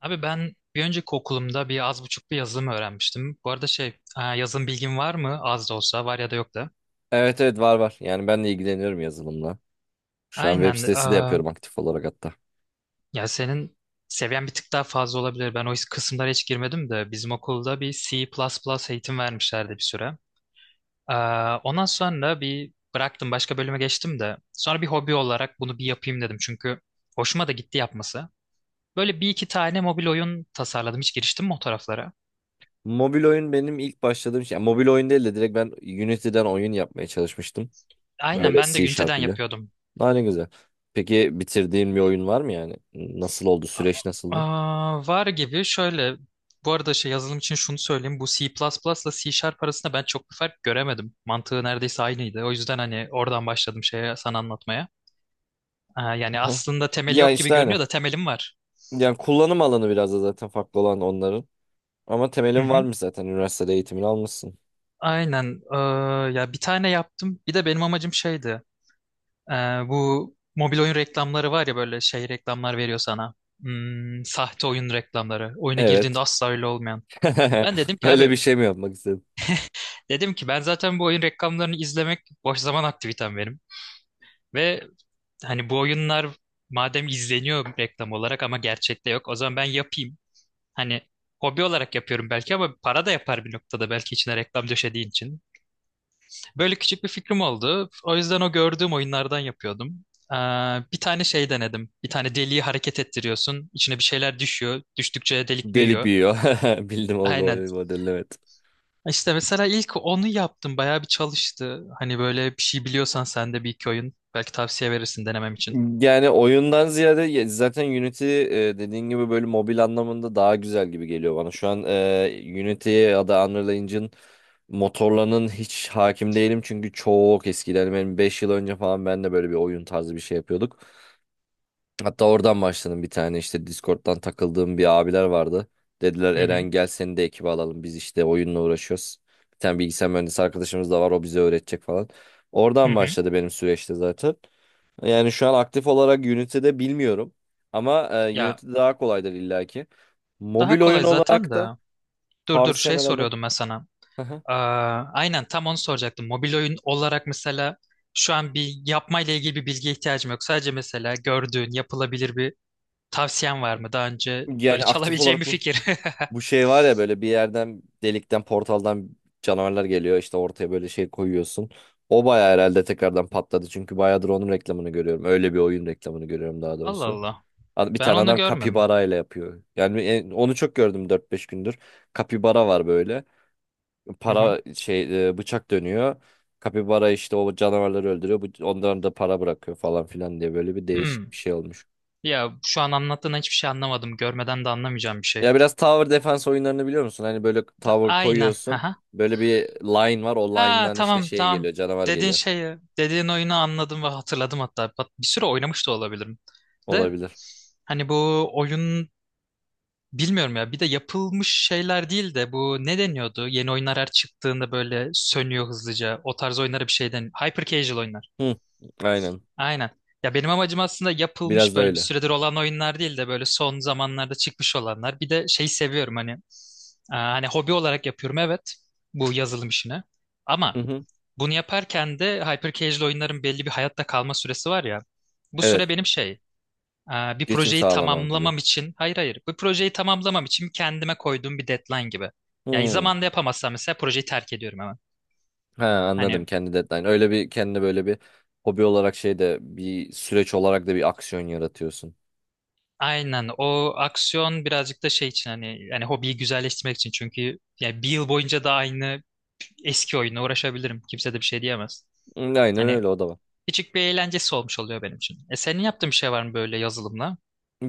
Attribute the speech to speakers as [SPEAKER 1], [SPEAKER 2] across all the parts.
[SPEAKER 1] Abi ben bir önceki okulumda bir az buçuk bir yazılım öğrenmiştim. Bu arada şey yazılım bilgin var mı? Az da olsa var ya da yok da.
[SPEAKER 2] Evet var. Yani ben de ilgileniyorum yazılımla. Şu an web
[SPEAKER 1] Aynen.
[SPEAKER 2] sitesi de yapıyorum aktif olarak hatta.
[SPEAKER 1] Ya senin seviyen bir tık daha fazla olabilir. Ben o kısımlara hiç girmedim de bizim okulda bir C++ eğitim vermişlerdi bir süre. E, Ondan sonra bir bıraktım başka bölüme geçtim de. Sonra bir hobi olarak bunu bir yapayım dedim. Çünkü hoşuma da gitti yapması. Böyle bir iki tane mobil oyun tasarladım. Hiç giriştim mi o taraflara?
[SPEAKER 2] Mobil oyun benim ilk başladığım şey. Yani mobil oyun değil de direkt ben Unity'den oyun yapmaya çalışmıştım.
[SPEAKER 1] Aynen
[SPEAKER 2] Böyle
[SPEAKER 1] ben de
[SPEAKER 2] C
[SPEAKER 1] Unity'den
[SPEAKER 2] Sharp ile.
[SPEAKER 1] yapıyordum.
[SPEAKER 2] Ne güzel. Peki bitirdiğin bir oyun var mı yani? Nasıl oldu?
[SPEAKER 1] A-
[SPEAKER 2] Süreç nasıldı?
[SPEAKER 1] Aa, var gibi şöyle bu arada şey yazılım için şunu söyleyeyim, bu C++ ile C Sharp arasında ben çok bir fark göremedim, mantığı neredeyse aynıydı, o yüzden hani oradan başladım şeye sana anlatmaya. Aa, yani
[SPEAKER 2] Aha.
[SPEAKER 1] aslında temeli
[SPEAKER 2] Ya
[SPEAKER 1] yok gibi
[SPEAKER 2] işte aynı.
[SPEAKER 1] görünüyor da temelim var.
[SPEAKER 2] Yani kullanım alanı biraz da zaten farklı olan onların. Ama
[SPEAKER 1] Hı
[SPEAKER 2] temelin
[SPEAKER 1] hı.
[SPEAKER 2] varmış zaten. Üniversitede eğitimini almışsın.
[SPEAKER 1] Aynen. Ya bir tane yaptım, bir de benim amacım şeydi. Ee, Bu mobil oyun reklamları var ya, böyle şey reklamlar veriyor sana. Hmm, sahte oyun reklamları, oyuna girdiğinde
[SPEAKER 2] Evet.
[SPEAKER 1] asla öyle olmayan. Ben dedim ki
[SPEAKER 2] Öyle
[SPEAKER 1] abi.
[SPEAKER 2] bir şey mi yapmak istedim?
[SPEAKER 1] Dedim ki ben zaten bu oyun reklamlarını izlemek boş zaman aktivitem benim. Ve hani bu oyunlar madem izleniyor reklam olarak ama gerçekte yok, o zaman ben yapayım. Hani hobi olarak yapıyorum belki ama para da yapar bir noktada, belki içine reklam döşediği için. Böyle küçük bir fikrim oldu. O yüzden o gördüğüm oyunlardan yapıyordum. Ee, Bir tane şey denedim. Bir tane deliği hareket ettiriyorsun. İçine bir şeyler düşüyor. Düştükçe delik
[SPEAKER 2] Delik
[SPEAKER 1] büyüyor.
[SPEAKER 2] büyüyor. Bildim o
[SPEAKER 1] Aynen.
[SPEAKER 2] modeli, evet.
[SPEAKER 1] İşte mesela ilk onu yaptım. Bayağı bir çalıştı. Hani böyle bir şey biliyorsan sen de bir iki oyun, belki tavsiye verirsin denemem için.
[SPEAKER 2] Yani oyundan ziyade zaten Unity, dediğin gibi böyle mobil anlamında daha güzel gibi geliyor bana. Şu an Unity ya da Unreal Engine motorlarının hiç hakim değilim. Çünkü çok eskiden, yani benim 5 yıl önce falan, ben de böyle bir oyun tarzı bir şey yapıyorduk. Hatta oradan başladım, bir tane işte Discord'dan takıldığım bir abiler vardı. Dediler
[SPEAKER 1] Hı
[SPEAKER 2] Eren,
[SPEAKER 1] hı.
[SPEAKER 2] gel seni de ekibe alalım, biz işte oyunla uğraşıyoruz. Bir tane bilgisayar mühendisi arkadaşımız da var, o bize öğretecek falan.
[SPEAKER 1] Hı
[SPEAKER 2] Oradan
[SPEAKER 1] hı.
[SPEAKER 2] başladı benim süreçte zaten. Yani şu an aktif olarak Unity'de bilmiyorum. Ama
[SPEAKER 1] Ya
[SPEAKER 2] Unity daha kolaydır illaki.
[SPEAKER 1] daha
[SPEAKER 2] Mobil oyun
[SPEAKER 1] kolay zaten
[SPEAKER 2] olarak
[SPEAKER 1] de.
[SPEAKER 2] da
[SPEAKER 1] Dur dur,
[SPEAKER 2] tavsiyem
[SPEAKER 1] şey
[SPEAKER 2] herhalde.
[SPEAKER 1] soruyordum ben sana.
[SPEAKER 2] Aha.
[SPEAKER 1] Aa, aynen tam onu soracaktım. Mobil oyun olarak mesela şu an bir yapmayla ilgili bir bilgiye ihtiyacım yok. Sadece mesela gördüğün yapılabilir bir tavsiyen var mı? Daha önce böyle
[SPEAKER 2] Yani aktif
[SPEAKER 1] çalabileceğim
[SPEAKER 2] olarak
[SPEAKER 1] bir
[SPEAKER 2] bu
[SPEAKER 1] fikir.
[SPEAKER 2] bu şey var ya, böyle bir yerden, delikten, portaldan canavarlar geliyor, işte ortaya böyle şey koyuyorsun. O bayağı herhalde tekrardan patladı çünkü bayağıdır onun reklamını görüyorum. Öyle bir oyun reklamını görüyorum daha
[SPEAKER 1] Allah
[SPEAKER 2] doğrusu.
[SPEAKER 1] Allah.
[SPEAKER 2] Bir
[SPEAKER 1] Ben
[SPEAKER 2] tane
[SPEAKER 1] onu
[SPEAKER 2] adam
[SPEAKER 1] görmedim.
[SPEAKER 2] kapibara ile yapıyor. Yani onu çok gördüm dört beş gündür. Kapibara var böyle.
[SPEAKER 1] Hı hı.
[SPEAKER 2] Para şey, bıçak dönüyor. Kapibara işte o canavarları öldürüyor. Bu, onların da para bırakıyor falan filan diye böyle bir
[SPEAKER 1] Hmm.
[SPEAKER 2] değişik bir şey olmuş.
[SPEAKER 1] Ya şu an anlattığından hiçbir şey anlamadım. Görmeden de anlamayacağım bir şey.
[SPEAKER 2] Ya biraz tower defense oyunlarını biliyor musun? Hani böyle tower
[SPEAKER 1] Aynen.
[SPEAKER 2] koyuyorsun.
[SPEAKER 1] Aha.
[SPEAKER 2] Böyle bir line var. O
[SPEAKER 1] Ha,
[SPEAKER 2] line'dan işte
[SPEAKER 1] tamam
[SPEAKER 2] şey
[SPEAKER 1] tamam.
[SPEAKER 2] geliyor. Canavar
[SPEAKER 1] Dediğin
[SPEAKER 2] geliyor.
[SPEAKER 1] şeyi, dediğin oyunu anladım ve hatırladım hatta. Bak, bir süre oynamış da olabilirim. De
[SPEAKER 2] Olabilir.
[SPEAKER 1] hani bu oyun, bilmiyorum ya. Bir de yapılmış şeyler değil de bu ne deniyordu? Yeni oyunlar her çıktığında böyle sönüyor hızlıca. O tarz oyunlara bir şey deniyor. Hyper casual oyunlar.
[SPEAKER 2] Hı, aynen.
[SPEAKER 1] Aynen. Ya benim amacım aslında
[SPEAKER 2] Biraz
[SPEAKER 1] yapılmış,
[SPEAKER 2] da
[SPEAKER 1] böyle bir
[SPEAKER 2] öyle.
[SPEAKER 1] süredir olan oyunlar değil de böyle son zamanlarda çıkmış olanlar. Bir de şeyi seviyorum hani. Aa, hani hobi olarak yapıyorum, evet. Bu yazılım işini.
[SPEAKER 2] Hı
[SPEAKER 1] Ama
[SPEAKER 2] hı.
[SPEAKER 1] bunu yaparken de Hypercasual oyunların belli bir hayatta kalma süresi var ya. Bu süre
[SPEAKER 2] Evet.
[SPEAKER 1] benim şey, bir
[SPEAKER 2] Geçim
[SPEAKER 1] projeyi
[SPEAKER 2] sağlama gibi.
[SPEAKER 1] tamamlamam için, hayır hayır, bu projeyi tamamlamam için kendime koyduğum bir deadline gibi. Ya
[SPEAKER 2] Hı.
[SPEAKER 1] zamanda yapamazsam mesela projeyi terk ediyorum hemen.
[SPEAKER 2] Ha, anladım,
[SPEAKER 1] Hani
[SPEAKER 2] kendi deadline. Öyle bir kendi böyle bir hobi olarak şey de, bir süreç olarak da bir aksiyon yaratıyorsun.
[SPEAKER 1] aynen, o aksiyon birazcık da şey için hani, yani hobiyi güzelleştirmek için, çünkü yani bir yıl boyunca da aynı eski oyunla uğraşabilirim. Kimse de bir şey diyemez.
[SPEAKER 2] Hı, aynen
[SPEAKER 1] Hani
[SPEAKER 2] öyle, o da var.
[SPEAKER 1] küçük bir eğlencesi olmuş oluyor benim için. E senin yaptığın bir şey var mı böyle yazılımla?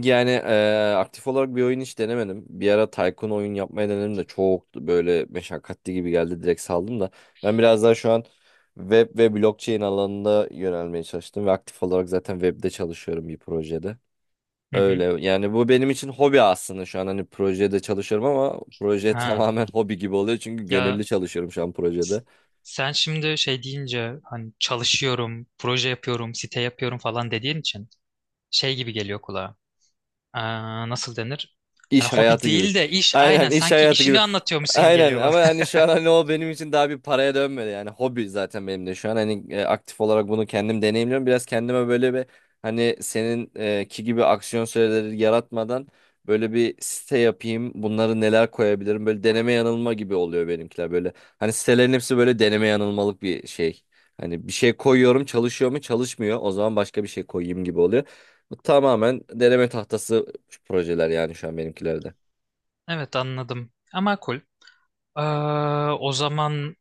[SPEAKER 2] Yani aktif olarak bir oyun hiç denemedim. Bir ara Tycoon oyun yapmaya denedim de çok böyle meşakkatli gibi geldi. Direkt saldım da. Ben biraz daha şu an web ve blockchain alanında yönelmeye çalıştım ve aktif olarak zaten webde çalışıyorum bir projede.
[SPEAKER 1] Hı
[SPEAKER 2] Öyle
[SPEAKER 1] hı.
[SPEAKER 2] yani, bu benim için hobi aslında şu an, hani projede çalışıyorum ama proje
[SPEAKER 1] Ha.
[SPEAKER 2] tamamen hobi gibi oluyor çünkü gönüllü
[SPEAKER 1] Ya
[SPEAKER 2] çalışıyorum şu an projede.
[SPEAKER 1] S- sen şimdi şey deyince, hani çalışıyorum, proje yapıyorum, site yapıyorum falan dediğin için, şey gibi geliyor kulağa. Aa, nasıl denir? Hani
[SPEAKER 2] İş
[SPEAKER 1] hobi
[SPEAKER 2] hayatı gibi.
[SPEAKER 1] değil de iş, aynen
[SPEAKER 2] Aynen, iş
[SPEAKER 1] sanki
[SPEAKER 2] hayatı gibi.
[SPEAKER 1] işini anlatıyormuş gibi
[SPEAKER 2] Aynen,
[SPEAKER 1] geliyor bana.
[SPEAKER 2] ama hani şu an hani o benim için daha bir paraya dönmedi, yani hobi zaten benim de şu an hani, aktif olarak bunu kendim deneyimliyorum, biraz kendime böyle bir, hani senin ki gibi aksiyon süreleri yaratmadan böyle bir site yapayım, bunları neler koyabilirim, böyle deneme yanılma gibi oluyor benimkiler, böyle hani sitelerin hepsi böyle deneme yanılmalık bir şey, hani bir şey koyuyorum çalışıyor mu çalışmıyor, o zaman başka bir şey koyayım gibi oluyor. Bu tamamen deneme tahtası şu projeler yani şu an benimkilerde.
[SPEAKER 1] Evet, anladım. Ama cool. Aa, o zaman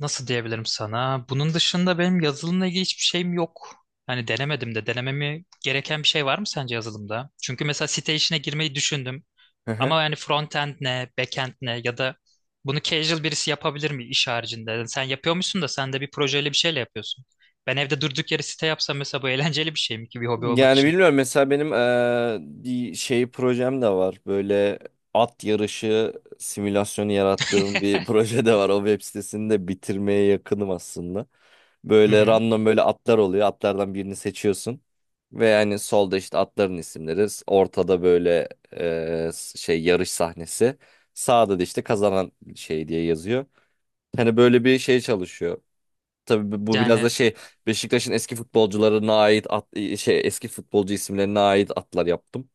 [SPEAKER 1] nasıl diyebilirim sana? Bunun dışında benim yazılımla ilgili hiçbir şeyim yok. Hani denemedim de, denememi gereken bir şey var mı sence yazılımda? Çünkü mesela site işine girmeyi düşündüm.
[SPEAKER 2] Hı hı.
[SPEAKER 1] Ama yani frontend ne, backend ne, ya da bunu casual birisi yapabilir mi iş haricinde? Yani sen yapıyormuşsun da, sen de bir projeyle bir şeyle yapıyorsun. Ben evde durduk yere site yapsam mesela, bu eğlenceli bir şey mi ki bir hobi olmak
[SPEAKER 2] Yani
[SPEAKER 1] için?
[SPEAKER 2] bilmiyorum, mesela benim bir şey projem de var. Böyle at yarışı simülasyonu yarattığım bir proje de var. O web sitesini de bitirmeye yakınım aslında.
[SPEAKER 1] Hı
[SPEAKER 2] Böyle
[SPEAKER 1] hı.
[SPEAKER 2] random böyle atlar oluyor. Atlardan birini seçiyorsun. Ve yani solda işte atların isimleri. Ortada böyle şey, yarış sahnesi. Sağda da işte kazanan şey diye yazıyor. Hani böyle bir şey çalışıyor. Tabii bu biraz
[SPEAKER 1] Yani
[SPEAKER 2] da şey, Beşiktaş'ın eski futbolcularına ait at, şey, eski futbolcu isimlerine ait atlar yaptım.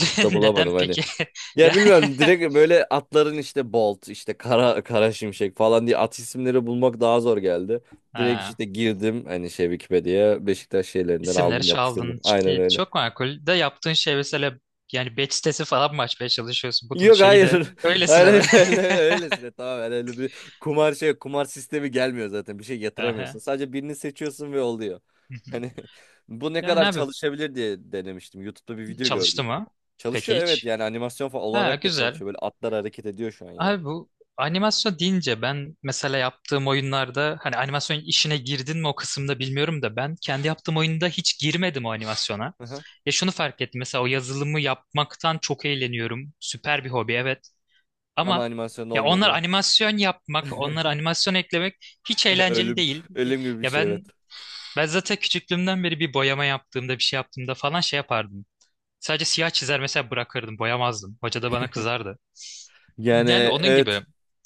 [SPEAKER 2] At da
[SPEAKER 1] neden
[SPEAKER 2] bulamadım hani.
[SPEAKER 1] peki?
[SPEAKER 2] Ya
[SPEAKER 1] Ya
[SPEAKER 2] bilmiyorum, direkt böyle atların, işte Bolt, işte Kara Kara Şimşek falan diye at isimleri bulmak daha zor geldi. Direkt
[SPEAKER 1] ha,
[SPEAKER 2] işte girdim hani şey Wikipedia'ya, Beşiktaş şeylerinden
[SPEAKER 1] isimleri
[SPEAKER 2] aldım yapıştırdım.
[SPEAKER 1] çaldın.
[SPEAKER 2] Aynen
[SPEAKER 1] İşte
[SPEAKER 2] öyle.
[SPEAKER 1] çok makul. De yaptığın şey mesela, yani batch sitesi falan mı açmaya çalışıyorsun? Bunun
[SPEAKER 2] Yok,
[SPEAKER 1] şeyi de
[SPEAKER 2] hayır. Hayır
[SPEAKER 1] öylesine be.
[SPEAKER 2] hayır öyle, öylesine, tamamen öyle bir kumar şey, kumar sistemi gelmiyor zaten, bir şey yatıramıyorsun.
[SPEAKER 1] Aha.
[SPEAKER 2] Sadece birini seçiyorsun ve oluyor.
[SPEAKER 1] Hı hı.
[SPEAKER 2] Hani bu ne
[SPEAKER 1] Yani
[SPEAKER 2] kadar
[SPEAKER 1] abi
[SPEAKER 2] çalışabilir diye denemiştim. YouTube'da bir video
[SPEAKER 1] çalıştı
[SPEAKER 2] gördüydüm.
[SPEAKER 1] mı? Peki
[SPEAKER 2] Çalışıyor evet,
[SPEAKER 1] hiç.
[SPEAKER 2] yani animasyon falan
[SPEAKER 1] Ha,
[SPEAKER 2] olarak da
[SPEAKER 1] güzel.
[SPEAKER 2] çalışıyor. Böyle atlar hareket ediyor şu an yani.
[SPEAKER 1] Abi bu animasyon deyince, ben mesela yaptığım oyunlarda, hani animasyon işine girdin mi o kısımda bilmiyorum da, ben kendi yaptığım oyunda hiç girmedim o animasyona.
[SPEAKER 2] Aha.
[SPEAKER 1] Ya şunu fark ettim mesela, o yazılımı yapmaktan çok eğleniyorum. Süper bir hobi, evet,
[SPEAKER 2] Ama
[SPEAKER 1] ama
[SPEAKER 2] animasyon
[SPEAKER 1] ya
[SPEAKER 2] olmuyor
[SPEAKER 1] onlar
[SPEAKER 2] değil mi?
[SPEAKER 1] animasyon yapmak, onlar animasyon eklemek hiç eğlenceli
[SPEAKER 2] Ölüm
[SPEAKER 1] değil.
[SPEAKER 2] ölüm gibi bir
[SPEAKER 1] Ya
[SPEAKER 2] şey evet.
[SPEAKER 1] ben zaten küçüklüğümden beri bir boyama yaptığımda, bir şey yaptığımda falan şey yapardım. Sadece siyah çizer mesela, bırakırdım, boyamazdım. Hoca da bana kızardı.
[SPEAKER 2] Yani
[SPEAKER 1] Yani onun
[SPEAKER 2] evet,
[SPEAKER 1] gibi.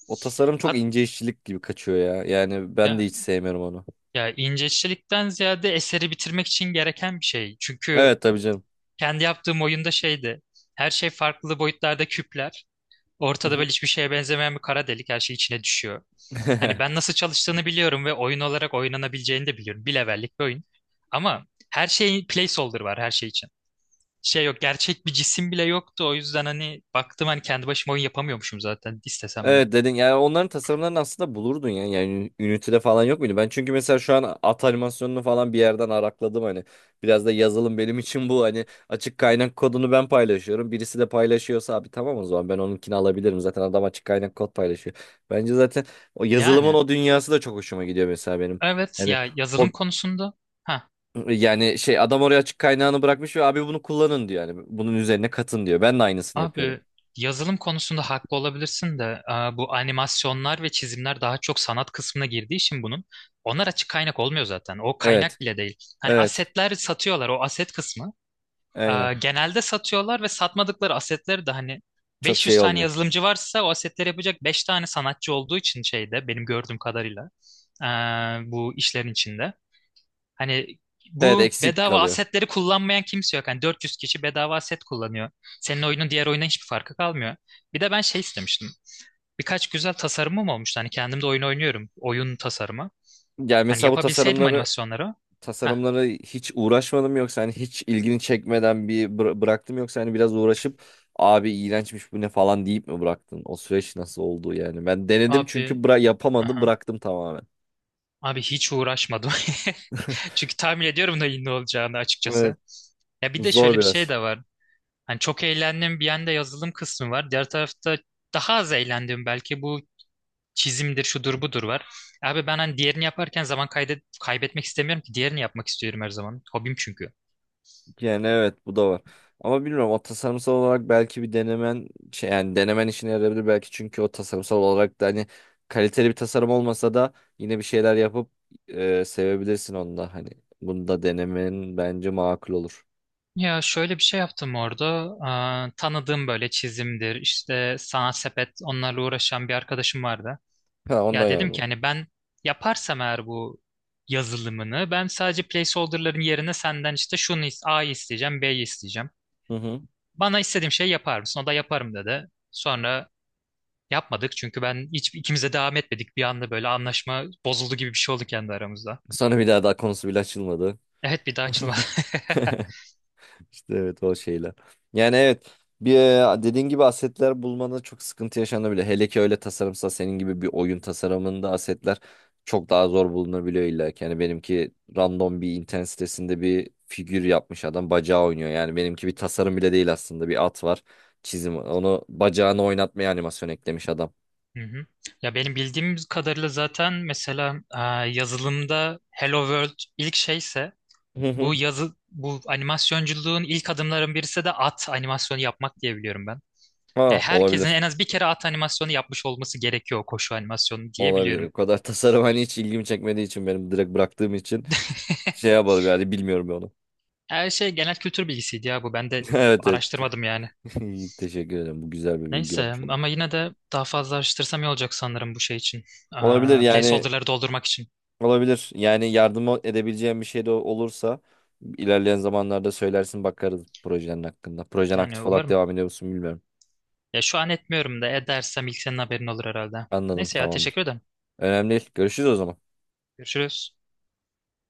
[SPEAKER 2] o tasarım çok
[SPEAKER 1] Hat
[SPEAKER 2] ince işçilik gibi kaçıyor ya. Yani ben de
[SPEAKER 1] ya
[SPEAKER 2] hiç sevmiyorum onu.
[SPEAKER 1] Ya inceçlikten ziyade eseri bitirmek için gereken bir şey. Çünkü
[SPEAKER 2] Evet tabii canım.
[SPEAKER 1] kendi yaptığım oyunda şeydi. Her şey farklı boyutlarda küpler.
[SPEAKER 2] Hı
[SPEAKER 1] Ortada
[SPEAKER 2] hı.
[SPEAKER 1] böyle hiçbir şeye benzemeyen bir kara delik, her şey içine düşüyor. Hani ben nasıl çalıştığını biliyorum ve oyun olarak oynanabileceğini de biliyorum. Bir levellik bir oyun. Ama her şeyin placeholder var, her şey için. Şey yok, gerçek bir cisim bile yoktu. O yüzden hani baktım, hani kendi başıma oyun yapamıyormuşum zaten istesem de.
[SPEAKER 2] Evet dedin, yani onların tasarımlarını aslında bulurdun yani. Yani Unity'de falan yok muydu? Ben çünkü mesela şu an at animasyonunu falan bir yerden arakladım hani. Biraz da yazılım benim için bu, hani açık kaynak kodunu ben paylaşıyorum. Birisi de paylaşıyorsa abi tamam, o zaman ben onunkini alabilirim. Zaten adam açık kaynak kod paylaşıyor. Bence zaten o yazılımın
[SPEAKER 1] Yani
[SPEAKER 2] o dünyası da çok hoşuma gidiyor mesela benim.
[SPEAKER 1] evet
[SPEAKER 2] Yani
[SPEAKER 1] ya, yazılım
[SPEAKER 2] o,
[SPEAKER 1] konusunda.
[SPEAKER 2] yani şey, adam oraya açık kaynağını bırakmış ve abi bunu kullanın diyor yani. Bunun üzerine katın diyor. Ben de aynısını yapıyorum.
[SPEAKER 1] Abi yazılım konusunda haklı olabilirsin de, bu animasyonlar ve çizimler daha çok sanat kısmına girdiği için, bunun, onlar açık kaynak olmuyor zaten. O
[SPEAKER 2] Evet.
[SPEAKER 1] kaynak bile değil. Hani
[SPEAKER 2] Evet.
[SPEAKER 1] asetler satıyorlar, o aset kısmı.
[SPEAKER 2] Aynen.
[SPEAKER 1] Genelde satıyorlar ve satmadıkları asetleri de hani,
[SPEAKER 2] Çok
[SPEAKER 1] 500
[SPEAKER 2] şey
[SPEAKER 1] tane
[SPEAKER 2] olmuyor.
[SPEAKER 1] yazılımcı varsa o asetleri yapacak 5 tane sanatçı olduğu için, şeyde benim gördüğüm kadarıyla, e, bu işlerin içinde. Hani
[SPEAKER 2] Evet,
[SPEAKER 1] bu
[SPEAKER 2] eksik
[SPEAKER 1] bedava
[SPEAKER 2] kalıyor.
[SPEAKER 1] asetleri kullanmayan kimse yok. Hani 400 kişi bedava aset kullanıyor. Senin oyunun diğer oyuna hiçbir farkı kalmıyor. Bir de ben şey istemiştim. Birkaç güzel tasarımım olmuştu. Hani kendim de oyun oynuyorum. Oyun tasarımı.
[SPEAKER 2] Yani
[SPEAKER 1] Hani
[SPEAKER 2] mesela bu
[SPEAKER 1] yapabilseydim
[SPEAKER 2] tasarımları
[SPEAKER 1] animasyonları. Ha
[SPEAKER 2] tasarımları hiç uğraşmadım yoksa, hani hiç ilgini çekmeden bir bıraktım yoksa hani biraz uğraşıp abi iğrençmiş bu ne falan deyip mi bıraktın? O süreç nasıl oldu yani? Ben denedim
[SPEAKER 1] abi.
[SPEAKER 2] çünkü, bıra yapamadım,
[SPEAKER 1] Aha.
[SPEAKER 2] bıraktım tamamen.
[SPEAKER 1] Abi hiç uğraşmadım. Çünkü tahmin ediyorum da iyi ne olacağını
[SPEAKER 2] Evet,
[SPEAKER 1] açıkçası. Ya bir de
[SPEAKER 2] zor
[SPEAKER 1] şöyle bir şey
[SPEAKER 2] biraz.
[SPEAKER 1] de var. Hani çok eğlendim bir yanda, yazılım kısmı var. Diğer tarafta daha az eğlendim belki, bu çizimdir, şudur budur var. Abi ben hani diğerini yaparken zaman kaydet kaybetmek istemiyorum ki, diğerini yapmak istiyorum her zaman. Hobim çünkü.
[SPEAKER 2] Yani evet, bu da var. Ama bilmiyorum, o tasarımsal olarak belki bir denemen şey, yani denemen işine yarayabilir belki çünkü o tasarımsal olarak da hani, kaliteli bir tasarım olmasa da yine bir şeyler yapıp sevebilirsin onu da, hani bunu da denemen bence makul olur.
[SPEAKER 1] Ya şöyle bir şey yaptım orada. Aa, tanıdığım böyle çizimdir, işte sanat sepet, onlarla uğraşan bir arkadaşım vardı.
[SPEAKER 2] Ha ondan
[SPEAKER 1] Ya dedim
[SPEAKER 2] yani.
[SPEAKER 1] ki hani, ben yaparsam eğer bu yazılımını, ben sadece placeholder'ların yerine senden işte A'yı isteyeceğim, B'yi isteyeceğim.
[SPEAKER 2] Hı hı.
[SPEAKER 1] Bana istediğim şeyi yapar mısın? O da yaparım dedi. Sonra yapmadık, çünkü ben hiç, ikimiz de devam etmedik. Bir anda böyle anlaşma bozuldu gibi bir şey oldu kendi aramızda.
[SPEAKER 2] Sonra bir daha konusu bile açılmadı.
[SPEAKER 1] Evet, bir daha açılmadı.
[SPEAKER 2] İşte evet, o şeyler. Yani evet bir, dediğin gibi asetler bulmada çok sıkıntı yaşanabilir. Hele ki öyle tasarımsa, senin gibi bir oyun tasarımında asetler çok daha zor bulunabiliyor illa ki. Yani benimki random bir internet sitesinde bir figür yapmış adam, bacağı oynuyor. Yani benimki bir tasarım bile değil aslında, bir at var, çizim, onu bacağını oynatmaya animasyon eklemiş adam.
[SPEAKER 1] Hı hı. Ya benim bildiğim kadarıyla zaten, mesela yazılımda Hello World ilk şeyse,
[SPEAKER 2] Hı hı.
[SPEAKER 1] bu yazı, bu animasyonculuğun ilk adımların birisi de at animasyonu yapmak diye biliyorum ben.
[SPEAKER 2] Ha
[SPEAKER 1] Yani herkesin
[SPEAKER 2] olabilir.
[SPEAKER 1] en az bir kere at animasyonu yapmış olması gerekiyor, koşu animasyonu diye
[SPEAKER 2] Olabilir.
[SPEAKER 1] biliyorum.
[SPEAKER 2] O kadar tasarım hani hiç ilgimi çekmediği için, benim direkt bıraktığım için, şey yapalım yani, bilmiyorum ben onu.
[SPEAKER 1] Her şey genel kültür bilgisiydi ya bu, ben de
[SPEAKER 2] Evet evet.
[SPEAKER 1] araştırmadım yani.
[SPEAKER 2] İyi, teşekkür ederim. Bu güzel bir bilgi
[SPEAKER 1] Neyse,
[SPEAKER 2] olmuş oldu.
[SPEAKER 1] ama yine de daha fazla araştırsam iyi olacak sanırım bu şey için.
[SPEAKER 2] Olabilir yani,
[SPEAKER 1] Placeholder'ları doldurmak için.
[SPEAKER 2] olabilir. Yani yardım edebileceğim bir şey de olursa ilerleyen zamanlarda söylersin, bakarız projenin hakkında. Projen
[SPEAKER 1] Yani
[SPEAKER 2] aktif olarak
[SPEAKER 1] umarım.
[SPEAKER 2] devam ediyor musun bilmiyorum.
[SPEAKER 1] Ya şu an etmiyorum da, edersem ilk senin haberin olur herhalde.
[SPEAKER 2] Anladım,
[SPEAKER 1] Neyse ya,
[SPEAKER 2] tamamdır.
[SPEAKER 1] teşekkür ederim.
[SPEAKER 2] Önemli değil. Görüşürüz o zaman.
[SPEAKER 1] Görüşürüz.